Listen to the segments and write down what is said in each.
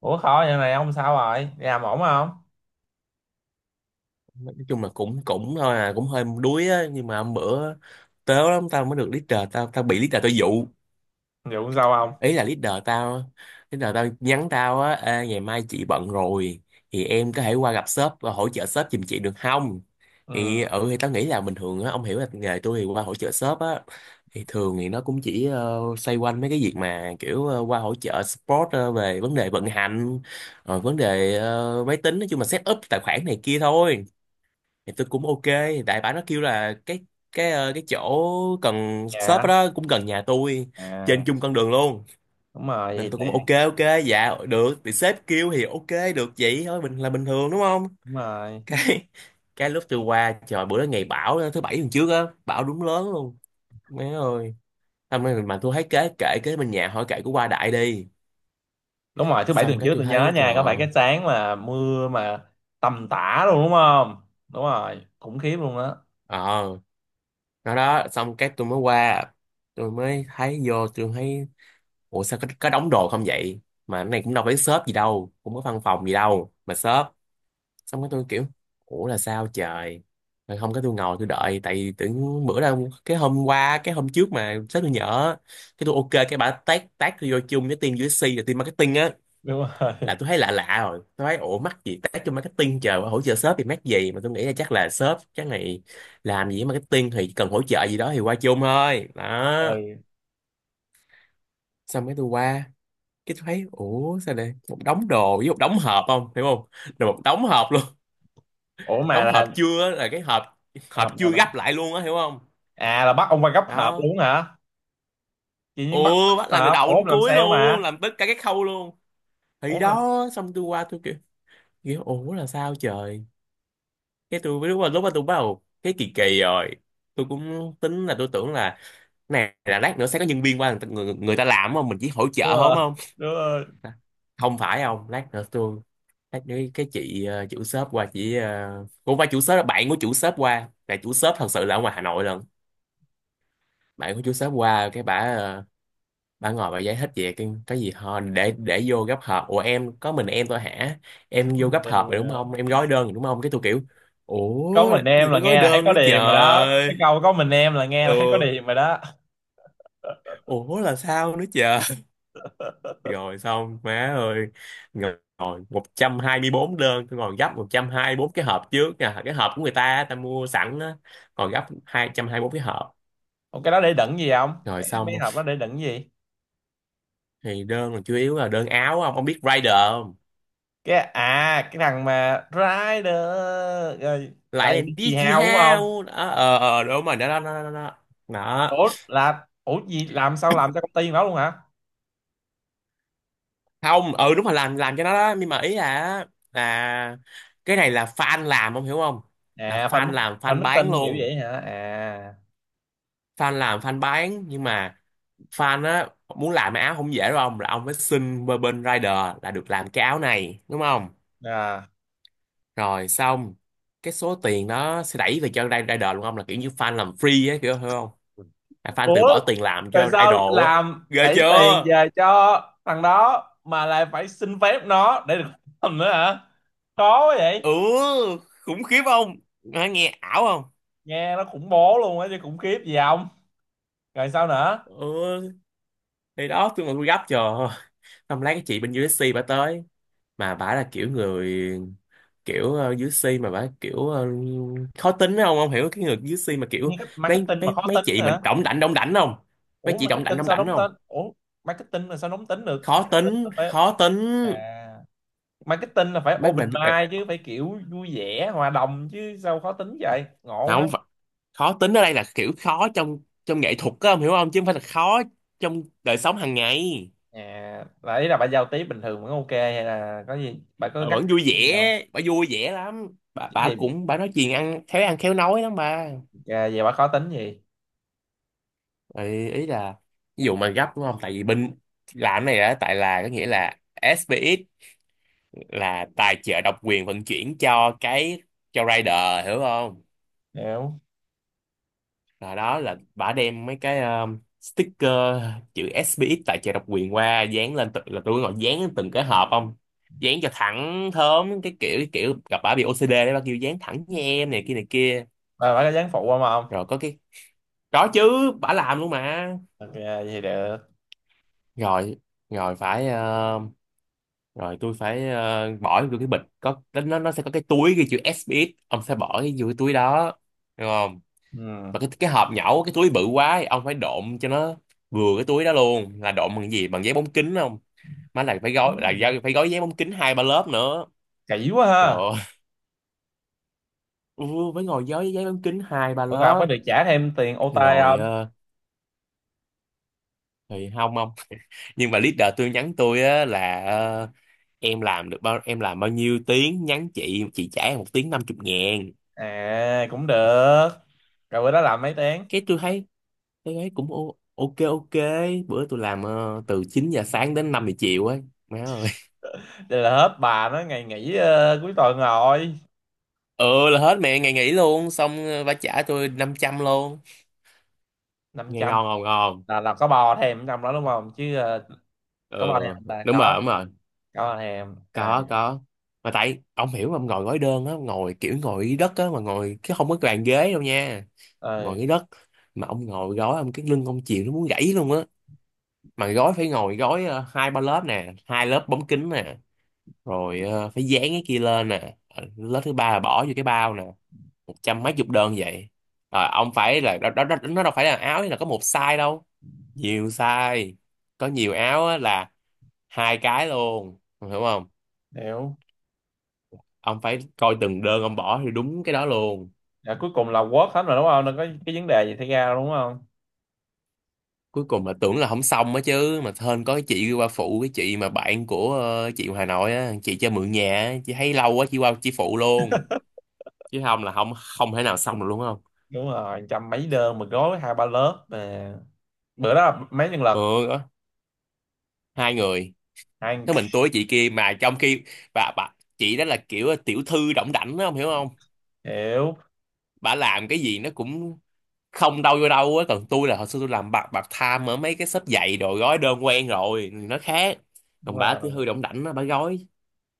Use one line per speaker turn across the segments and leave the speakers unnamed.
Ủa khó vậy này ông, sao rồi, đi làm ổn không?
Nói chung là cũng cũng thôi à, cũng hơi đuối á. Nhưng mà hôm bữa tớ lắm, tao mới được leader tao, bị leader tao dụ.
Vụ sao
Ý
không?
là leader tao nhắn tao á: Ê, ngày mai chị bận rồi thì em có thể qua gặp sếp và hỗ trợ sếp giùm chị được không? Thì
Ừ.
ừ thì tao nghĩ là bình thường á, ông hiểu là nghề tôi thì qua hỗ trợ sếp á, thì thường thì nó cũng chỉ xoay quanh mấy cái việc mà kiểu qua hỗ trợ support về vấn đề vận hành, rồi vấn đề máy tính, nói chung là set up tài khoản này kia thôi. Thì tôi cũng ok. Đại bả nó kêu là cái chỗ cần shop
Dạ.
đó cũng gần nhà tôi, trên
À.
chung con đường luôn,
Đúng rồi, vậy
nên
thì
tôi cũng ok
tiện.
ok. Dạ được, thì sếp kêu thì ok được, vậy thôi, bình thường đúng không?
đúng rồi
cái cái lúc tôi qua, trời, bữa đó ngày bão đó, thứ bảy tuần trước á, bão đúng lớn luôn, má ơi. Xong rồi mà tôi thấy kế bên nhà hỏi kệ của qua đại đi.
đúng rồi thứ bảy
Xong
tuần
cái
trước
tôi
tôi nhớ
thấy trời
nha, có phải
ơi.
cái sáng mà mưa mà tầm tã luôn đúng không? Đúng rồi, khủng khiếp luôn đó.
ờ nó đó. Xong cái tôi mới qua, tôi mới thấy vô, tôi thấy ủa sao có đóng đồ không vậy, mà cái này cũng đâu phải shop gì đâu, cũng có văn phòng gì đâu mà shop. Xong cái tôi kiểu ủa là sao trời. Rồi không có, tôi ngồi tôi đợi tại vì tưởng bữa đâu cái hôm qua cái hôm trước mà sếp tôi nhỡ. Cái tôi ok, cái bà tag tag tôi vô chung với team USC và team marketing á.
Đúng rồi.
Là tôi thấy lạ lạ rồi, tôi thấy ủa mắc gì tag cho marketing chờ hỗ trợ shop thì mắc gì, mà tôi nghĩ là chắc là shop, chắc này làm gì với marketing thì cần hỗ trợ gì đó thì qua chung thôi
Ừ.
đó. Xong cái tôi qua, cái tôi thấy ủa sao đây một đống đồ với một đống hộp, không hiểu không? Rồi một đống hộp luôn.
Ủa mà
Đống hộp
là
chưa á, là cái hộp hộp
hợp nào
chưa
ta?
gấp lại luôn á, hiểu không?
À là bắt ông qua gấp hợp
Đó.
luôn hả? Chị
Ừ,
Nhiên bắt
bắt
gấp
làm từ
hợp, ủa
đầu
ông
đến
làm
cuối
sale
luôn,
mà.
làm tất cả các khâu luôn.
Ủa
Thì
ông làm.
đó xong tôi qua tôi kiểu kiểu ủa là sao trời. Cái lúc mà tôi bắt đầu cái kỳ kỳ rồi, tôi cũng tính là tôi tưởng là này là lát nữa sẽ có nhân viên qua, người ta làm, không mình chỉ hỗ
Đúng
trợ, không
rồi.
không.
Đúng rồi.
Không phải không, lát nữa cái chị chủ shop qua, chị cũng phải chủ shop, là bạn của chủ shop qua, là chủ shop thật sự là ở ngoài Hà Nội lần. Bạn của chủ shop qua, cái bả bả ngồi bả giải thích về cái gì họ để vô gấp hộp. Ủa em có mình em thôi hả?
Có
Em vô
mình
gấp
em
hộp
rồi
rồi đúng
đó.
không? Em gói đơn rồi đúng không? Cái tôi kiểu
Có
ủa
mình
làm
em
gì
là
có gói
nghe là thấy
đơn
có
nữa
điềm rồi đó,
trời.
cái câu có mình em là nghe là thấy có
Ừ,
điềm rồi đó.
ủa là sao nữa trời. Rồi xong má ơi, ngồi ngồi 124 đơn, tôi còn gấp 124 cái hộp trước nè, cái hộp của người ta, ta mua sẵn á, còn gấp 224 cái hộp.
Ủa cái đó để đựng gì không?
Rồi
Cái mấy
xong.
hộp đó để đựng gì?
Thì đơn còn chủ yếu là đơn áo không, ông biết Rider không?
Cái, à cái thằng mà Rider, rồi.
Lại
Lại
làm
bị chì
đi chị
hào đúng không?
hao đó. Ờ, Đúng rồi, đó đó đó đó đó. Đó.
Ủa là, ủa gì, làm sao làm cho công ty đó luôn hả?
Không, ừ đúng rồi, làm cho nó đó. Nhưng mà ý là là cái này là fan làm, ông hiểu không? Là
À fan.
fan làm
Fan
fan bán
meeting kiểu
luôn,
vậy hả? À.
fan làm fan bán. Nhưng mà fan á, muốn làm cái áo không dễ đâu ông, là ông phải xin bên bên rider là được làm cái áo này đúng không.
À.
Rồi xong, cái số tiền đó sẽ đẩy về cho rider luôn. Ông là kiểu như fan làm free á kiểu, hiểu không? Là fan tự
Ủa
bỏ tiền làm
tại
cho
sao
idol á.
làm
Ghê
đẩy tiền
chưa?
về cho thằng đó mà lại phải xin phép nó để được làm nữa hả? Khó quá vậy.
Ừ, khủng khiếp không? Nghe ảo không?
Nghe nó khủng bố luôn á chứ khủng khiếp gì không? Rồi sao nữa?
Ừ thì đó, tôi mà tôi gấp chờ không lấy, cái chị bên USC bà tới, mà bả là kiểu người, kiểu dưới si, mà bả kiểu khó tính không, không hiểu, cái người dưới si mà
Nghe
kiểu
cách
mấy
marketing mà
mấy
khó
mấy
tính
chị mình
nữa.
đỏng đảnh không, mấy
Ủa
chị
marketing
đỏng
sao
đảnh
đóng
không,
tên, ủa marketing là sao đóng tính được,
khó
marketing là
tính
phải.
khó tính.
À marketing là phải
Mấy
open
mình
mind chứ, phải kiểu vui vẻ hòa đồng chứ sao khó tính vậy ngộ ha.
không phải- Khó tính ở đây là kiểu khó trong trong nghệ thuật á, ông hiểu không, chứ không phải là khó trong đời sống hàng ngày.
À là ý là bà giao tiếp bình thường vẫn ok, hay là có gì bà có
Ờ,
gắt
vẫn vui
cái gì không?
vẻ, bà vui vẻ lắm, bà
Chứ
bà
gì.
cũng, bà nói chuyện ăn khéo nói lắm bà.
À, về bà khó tính gì.
Ý là ví dụ mà gấp đúng không, tại vì bên làm cái này đó, tại là có nghĩa là SPX là tài trợ độc quyền vận chuyển cho cái, cho rider, hiểu không?
Hiểu.
Là đó, là bả đem mấy cái sticker chữ SPX tài trợ độc quyền qua dán lên từng, là tôi gọi dán lên từng cái hộp không, dán cho thẳng thớm, cái kiểu gặp bả bị OCD đấy, bả kêu dán thẳng nha em, này kia này kia.
Bà có dáng phụ không không?
Rồi có cái, có chứ, bả làm luôn mà.
Ok vậy thì được.
Rồi rồi rồi tôi phải bỏ vô cái bịch, có nó sẽ có cái túi ghi chữ SBS, ông sẽ bỏ cái vô cái túi đó được không?
Ừ.
Mà cái hộp nhẩu cái túi bự quá ấy, ông phải độn cho nó vừa cái túi đó luôn, là độn bằng cái gì, bằng giấy bóng kính không. Má là phải gói
Tính.
phải gói giấy bóng kính hai ba lớp nữa.
Kỹ quá
Trời
ha.
ơi, ừ, phải ngồi gói giấy bóng kính hai ba
Ủa rồi không
lớp.
có được trả thêm tiền OT
Rồi
không?
thì không, không. Nhưng mà leader tôi nhắn tôi á là em làm được bao em làm bao nhiêu tiếng nhắn chị trả em một tiếng 50.000.
À cũng được, rồi bữa đó làm mấy tiếng?
Cái tôi thấy cái ấy cũng ok ok. Bữa tôi làm từ 9 giờ sáng đến 5 giờ chiều ấy, má ơi.
Đây là hết bà nó ngày nghỉ cuối tuần rồi.
Ừ là hết mẹ ngày nghỉ luôn, xong bà trả tôi 500 luôn,
Năm
nghe
trăm.
ngon ngon ngon.
Là có bò thèm trong đó đúng không chứ
Ừ
có bò thêm là
đúng rồi
có.
đúng rồi,
Có bò thêm à.
có có. Mà tại ông hiểu mà, ông ngồi gói đơn á, ngồi kiểu ngồi dưới đất á, mà ngồi cái không có bàn ghế đâu nha, ngồi
ừ,
dưới đất, mà ông ngồi gói, ông cái lưng ông chịu nó muốn gãy luôn á. Mà gói phải ngồi gói hai ba lớp nè, hai lớp bóng kính nè, rồi phải dán cái kia lên nè, lớp thứ ba là bỏ vô cái bao nè, một trăm mấy chục đơn vậy. Rồi ông phải là đó, đó, đó, nó đâu phải là áo là có một size đâu, nhiều size, có nhiều áo á, là hai cái luôn, ông hiểu không?
Hiểu.
Ông phải coi từng đơn ông bỏ thì đúng cái đó luôn.
Dạ, cuối cùng là quất hết rồi đúng không, đâu có cái vấn đề gì xảy ra đâu đúng không?
Cuối cùng là tưởng là không xong á chứ, mà hên có cái chị qua phụ, cái chị mà bạn của chị Hà Nội á, chị cho mượn nhà á, chị thấy lâu quá chị qua chị phụ luôn, chứ không là không, không thể nào xong được luôn không.
Đúng rồi, trăm mấy đơn mà gói hai ba lớp mà. Bữa đó là mấy nhân lực?
Ừ đó, hai người,
Ăn.
thế mình tôi chị kia, mà trong khi bà chị đó là kiểu tiểu thư đỏng đảnh đó, ông hiểu không?
Hiểu.
Bà làm cái gì nó cũng không đâu vô đâu á, còn tôi là hồi xưa tôi làm part part time ở mấy cái shop giày đồ, gói đơn quen rồi nó khác.
Đúng
Còn bà tiểu
rồi.
thư đỏng đảnh đó, bà gói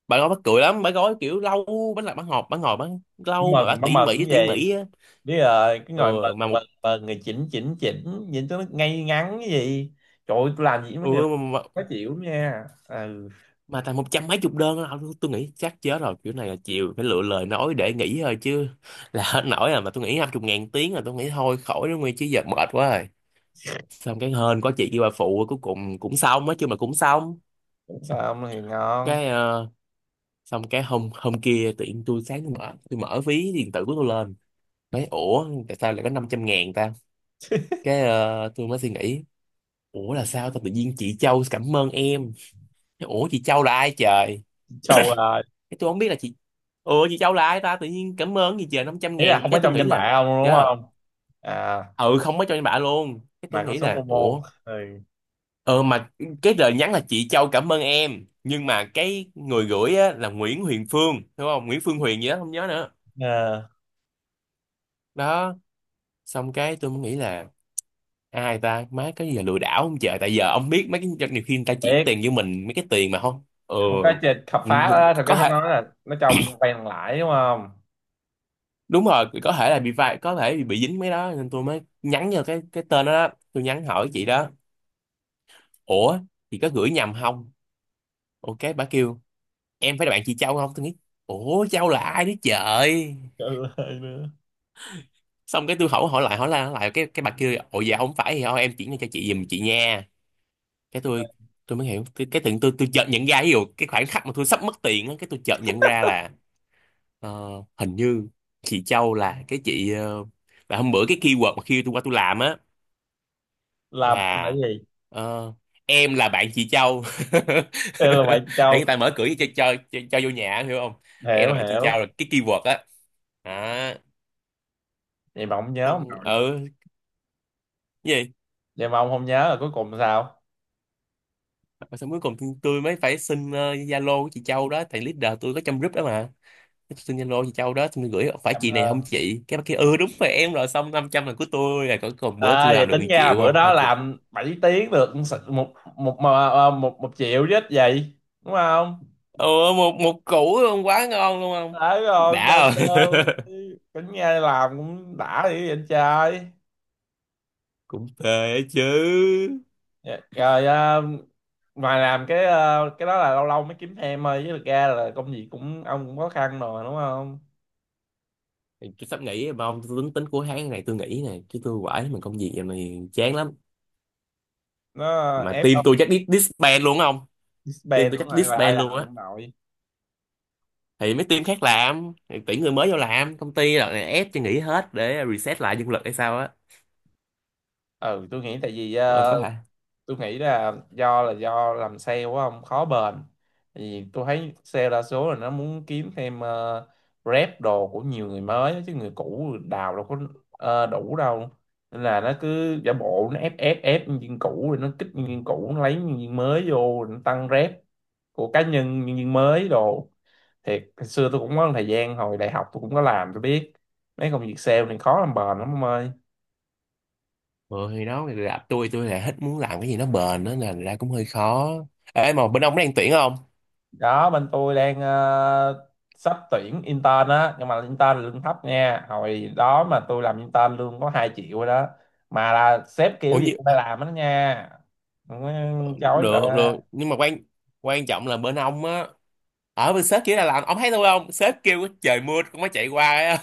bà gói mắc cười lắm, bà gói kiểu lâu, bà làm bà ngọt, bà ngồi bánh lâu mà bà
Mừng má, mừng
tỉ
cái
mỉ
gì.
á.
Biết rồi cái
Ừ,
ngồi mừng.
mà
mừng
một
mừng người chỉnh chỉnh chỉnh nhìn cho nó ngay ngắn cái gì. Trời ơi, tôi làm gì với mấy
ừ,
người đó. Khó chịu lắm nha, ừ.
mà tầm một trăm mấy chục đơn đó, tôi nghĩ chắc chết rồi, kiểu này là chịu, phải lựa lời nói để nghỉ thôi chứ, là hết nổi rồi, mà tôi nghĩ 50.000 tiếng là tôi nghĩ thôi khỏi đó nguyên chứ giờ mệt quá rồi. Xong cái hên có chị kia bà phụ, cuối cùng cũng xong, nói chứ mà cũng xong.
Xong thì ngon.
Cái xong cái hôm hôm kia tự nhiên tôi sáng, tôi mở ví điện tử của tôi lên, nói ủa tại sao lại có 500.000 ta? Cái tôi mới suy nghĩ ủa là sao ta, tự nhiên chị Châu cảm ơn em, ủa chị Châu là ai trời?
Trâu là.
Cái tôi không biết là Chị, chị Châu là ai ta, tự nhiên cảm ơn gì trời, 500
Ý là
ngàn.
không có
Cái tôi
trong
nghĩ
danh
là
bạ ông đúng
trời ơi,
không. À.
ừ không có cho em bả luôn. Cái tôi
Mà có
nghĩ
số
là
Momo.
ủa,
Thì.
ờ mà cái lời nhắn là chị Châu cảm ơn em, nhưng mà cái người gửi á, là Nguyễn Huyền Phương, đúng không, Nguyễn Phương Huyền gì đó không nhớ nữa.
À,
Đó, xong cái tôi mới nghĩ là ai ta, má, cái gì, là lừa đảo không trời, tại giờ ông biết mấy cái nhiều khi người ta chuyển tiền với
tiếc.
mình mấy cái tiền mà không. Ừ,
Không có chơi khám
ừ,
phá á, thật ra
có
nó
thể.
nói là nó trồng quen thằng lãi đúng không.
Đúng rồi, có thể là bị vai, có thể bị dính mấy đó, nên tôi mới nhắn vô cái tên đó, đó. Tôi nhắn hỏi chị đó, ủa chị có gửi nhầm không. Ok, bà kêu em phải là bạn chị Châu không, tôi nghĩ ủa Châu là ai đấy trời.
Trời ơi, nữa.
Xong cái tôi hỏi, hỏi lại cái bà kêu ồ dạ không phải thì thôi em chuyển cho chị giùm chị nha. Cái Tôi mới hiểu cái, tự nhiên tôi chợt nhận ra, ví dụ cái khoảnh khắc mà tôi sắp mất tiền á, cái tôi chợt nhận ra là ờ, hình như chị Châu là cái chị là hôm bữa cái keyword mà khi tôi qua tôi làm á,
Là
là
gì.
ờ, em là bạn chị Châu
Đây là vậy
để
trâu.
người ta mở cửa cho cho vô nhà, hiểu không. Em là
Hiểu
bạn chị
hiểu.
Châu là cái keyword á. Đó.
Vậy mà ông nhớ ông
Không,
nội.
ừ. Cái gì
Vậy mà ông không nhớ là cuối cùng sao.
mà xong cuối cùng tôi mới phải xin Zalo của chị Châu đó, thầy leader tôi có trong group đó mà. Tôi xin Zalo chị Châu đó, xong tôi gửi, phải
Cảm
chị này không
ơn.
chị, cái bà kia ừ đúng rồi em, rồi xong 500 là của tôi rồi. Còn cùng bữa tôi
À vậy
làm được 1
tính ra là
triệu
bữa
không. Thôi
đó
cục.
làm 7 tiếng được một, một triệu chứ ít gì đúng không.
Ừ, một một củ luôn, quá ngon luôn không.
Đấy rồi mà,
Đã
mà
không.
cũng nghe làm cũng đã dữ vậy anh trai.
Cũng phê chứ.
Dạ, rồi à, ngoài làm cái à, cái đó là lâu lâu mới kiếm thêm thôi chứ thực ra là công việc cũng, ông cũng khó khăn rồi đúng không.
Thì tôi sắp nghỉ mà ông, tôi tính tính cuối tháng này tôi nghỉ này, chứ tôi quải mình công việc giờ này chán lắm.
Nó
Mà
ép
team
ông.
tôi chắc disband luôn không. Team
Spend
tôi
cũng
chắc
lại lại
disband luôn
làm
á.
không nội.
Thì mấy team khác làm thì tuyển người mới vô làm, công ty là ép cho nghỉ hết để reset lại nhân lực hay sao á.
Ừ tôi nghĩ tại vì
Rồi có hả.
tôi nghĩ là do làm sale quá không khó bền. Thì tôi thấy sale đa số là nó muốn kiếm thêm rep đồ của nhiều người mới chứ người cũ đào đâu có đủ đâu. Nên là nó cứ giả bộ nó ép ép ép nhân viên cũ rồi nó kích nhân viên cũ nó lấy nhân viên mới vô rồi nó tăng rep của cá nhân nhân viên mới đồ. Thiệt hồi xưa tôi cũng có một thời gian hồi đại học tôi cũng có làm tôi biết, mấy công việc sale này khó làm bền lắm ông ơi.
Ừ, thì đó, người gặp tôi là hết muốn, làm cái gì nó bền đó là ra cũng hơi khó. Ê mà bên ông có đang tuyển không.
Đó bên tôi đang sắp tuyển intern á, nhưng mà intern lương thấp nha, hồi đó mà tôi làm intern lương có 2 triệu rồi đó. Mà là sếp
Ủa
kiểu gì
như
cũng phải làm hết đó nha, không có
ờ,
chối bà
được
ba.
được, nhưng mà quan, quan trọng là bên ông á. Ở bên sếp kia là làm ông thấy tôi không, sếp kêu trời mưa cũng mới chạy qua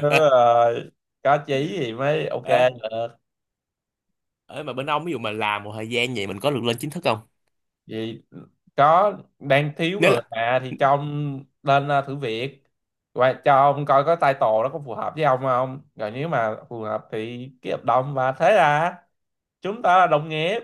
Đúng rồi, có chí thì mới ok
á.
được.
Ở mà bên ông ví dụ mà làm một thời gian vậy mình có được lên chính thức không.
Vì có đang thiếu
Nếu
người
là,
mà, thì cho ông lên thử việc, và cho ông coi có title nó có phù hợp với ông không, rồi nếu mà phù hợp thì ký hợp đồng và thế là chúng ta là đồng nghiệp.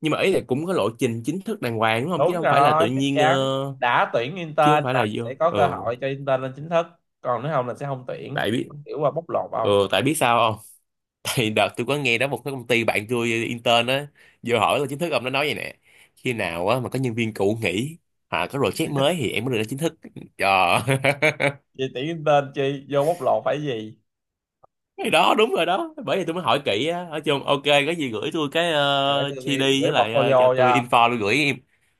nhưng mà ý là cũng có lộ trình chính thức đàng hoàng đúng không, chứ
Đúng
không phải là tự
rồi, chắc
nhiên
chắn. Đã tuyển
chứ không
intern
phải
là
là vô.
sẽ có
Ừ
cơ hội cho intern lên chính thức. Còn nếu không là sẽ không tuyển.
tại biết,
Kiểu qua bóc lột
ừ
không?
tại biết sao không. Tại đợt tôi có nghe đó, một cái công ty bạn tôi intern á, vô hỏi là chính thức, ông nó nói vậy nè, khi nào á mà có nhân viên cũ nghỉ hoặc có project mới thì em mới được lên chính thức. Trời.
Chị tuyển intern chi? Vô bóc lột phải gì?
Cái đó đúng rồi đó, bởi vì tôi mới hỏi kỹ á. Ở chung ok, có gì gửi tôi cái
Để tôi ghi-
GD,
gửi
với lại cho
portfolio
tôi
cho.
info tôi gửi.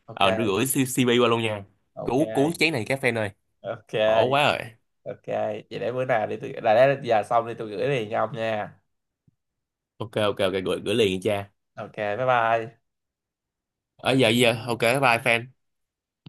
Ok,
Ờ đưa gửi CP qua luôn nha.
ok,
Cứu cứu chén này các fan ơi,
ok,
khổ quá rồi.
ok. Vậy để bữa nào đi tôi... Là để giờ xong đi tôi gửi liền cho ông nha.
Ok ok ok, gửi gửi liền nha cha.
Ok, bye bye.
Ở giờ giờ ok, bye fan.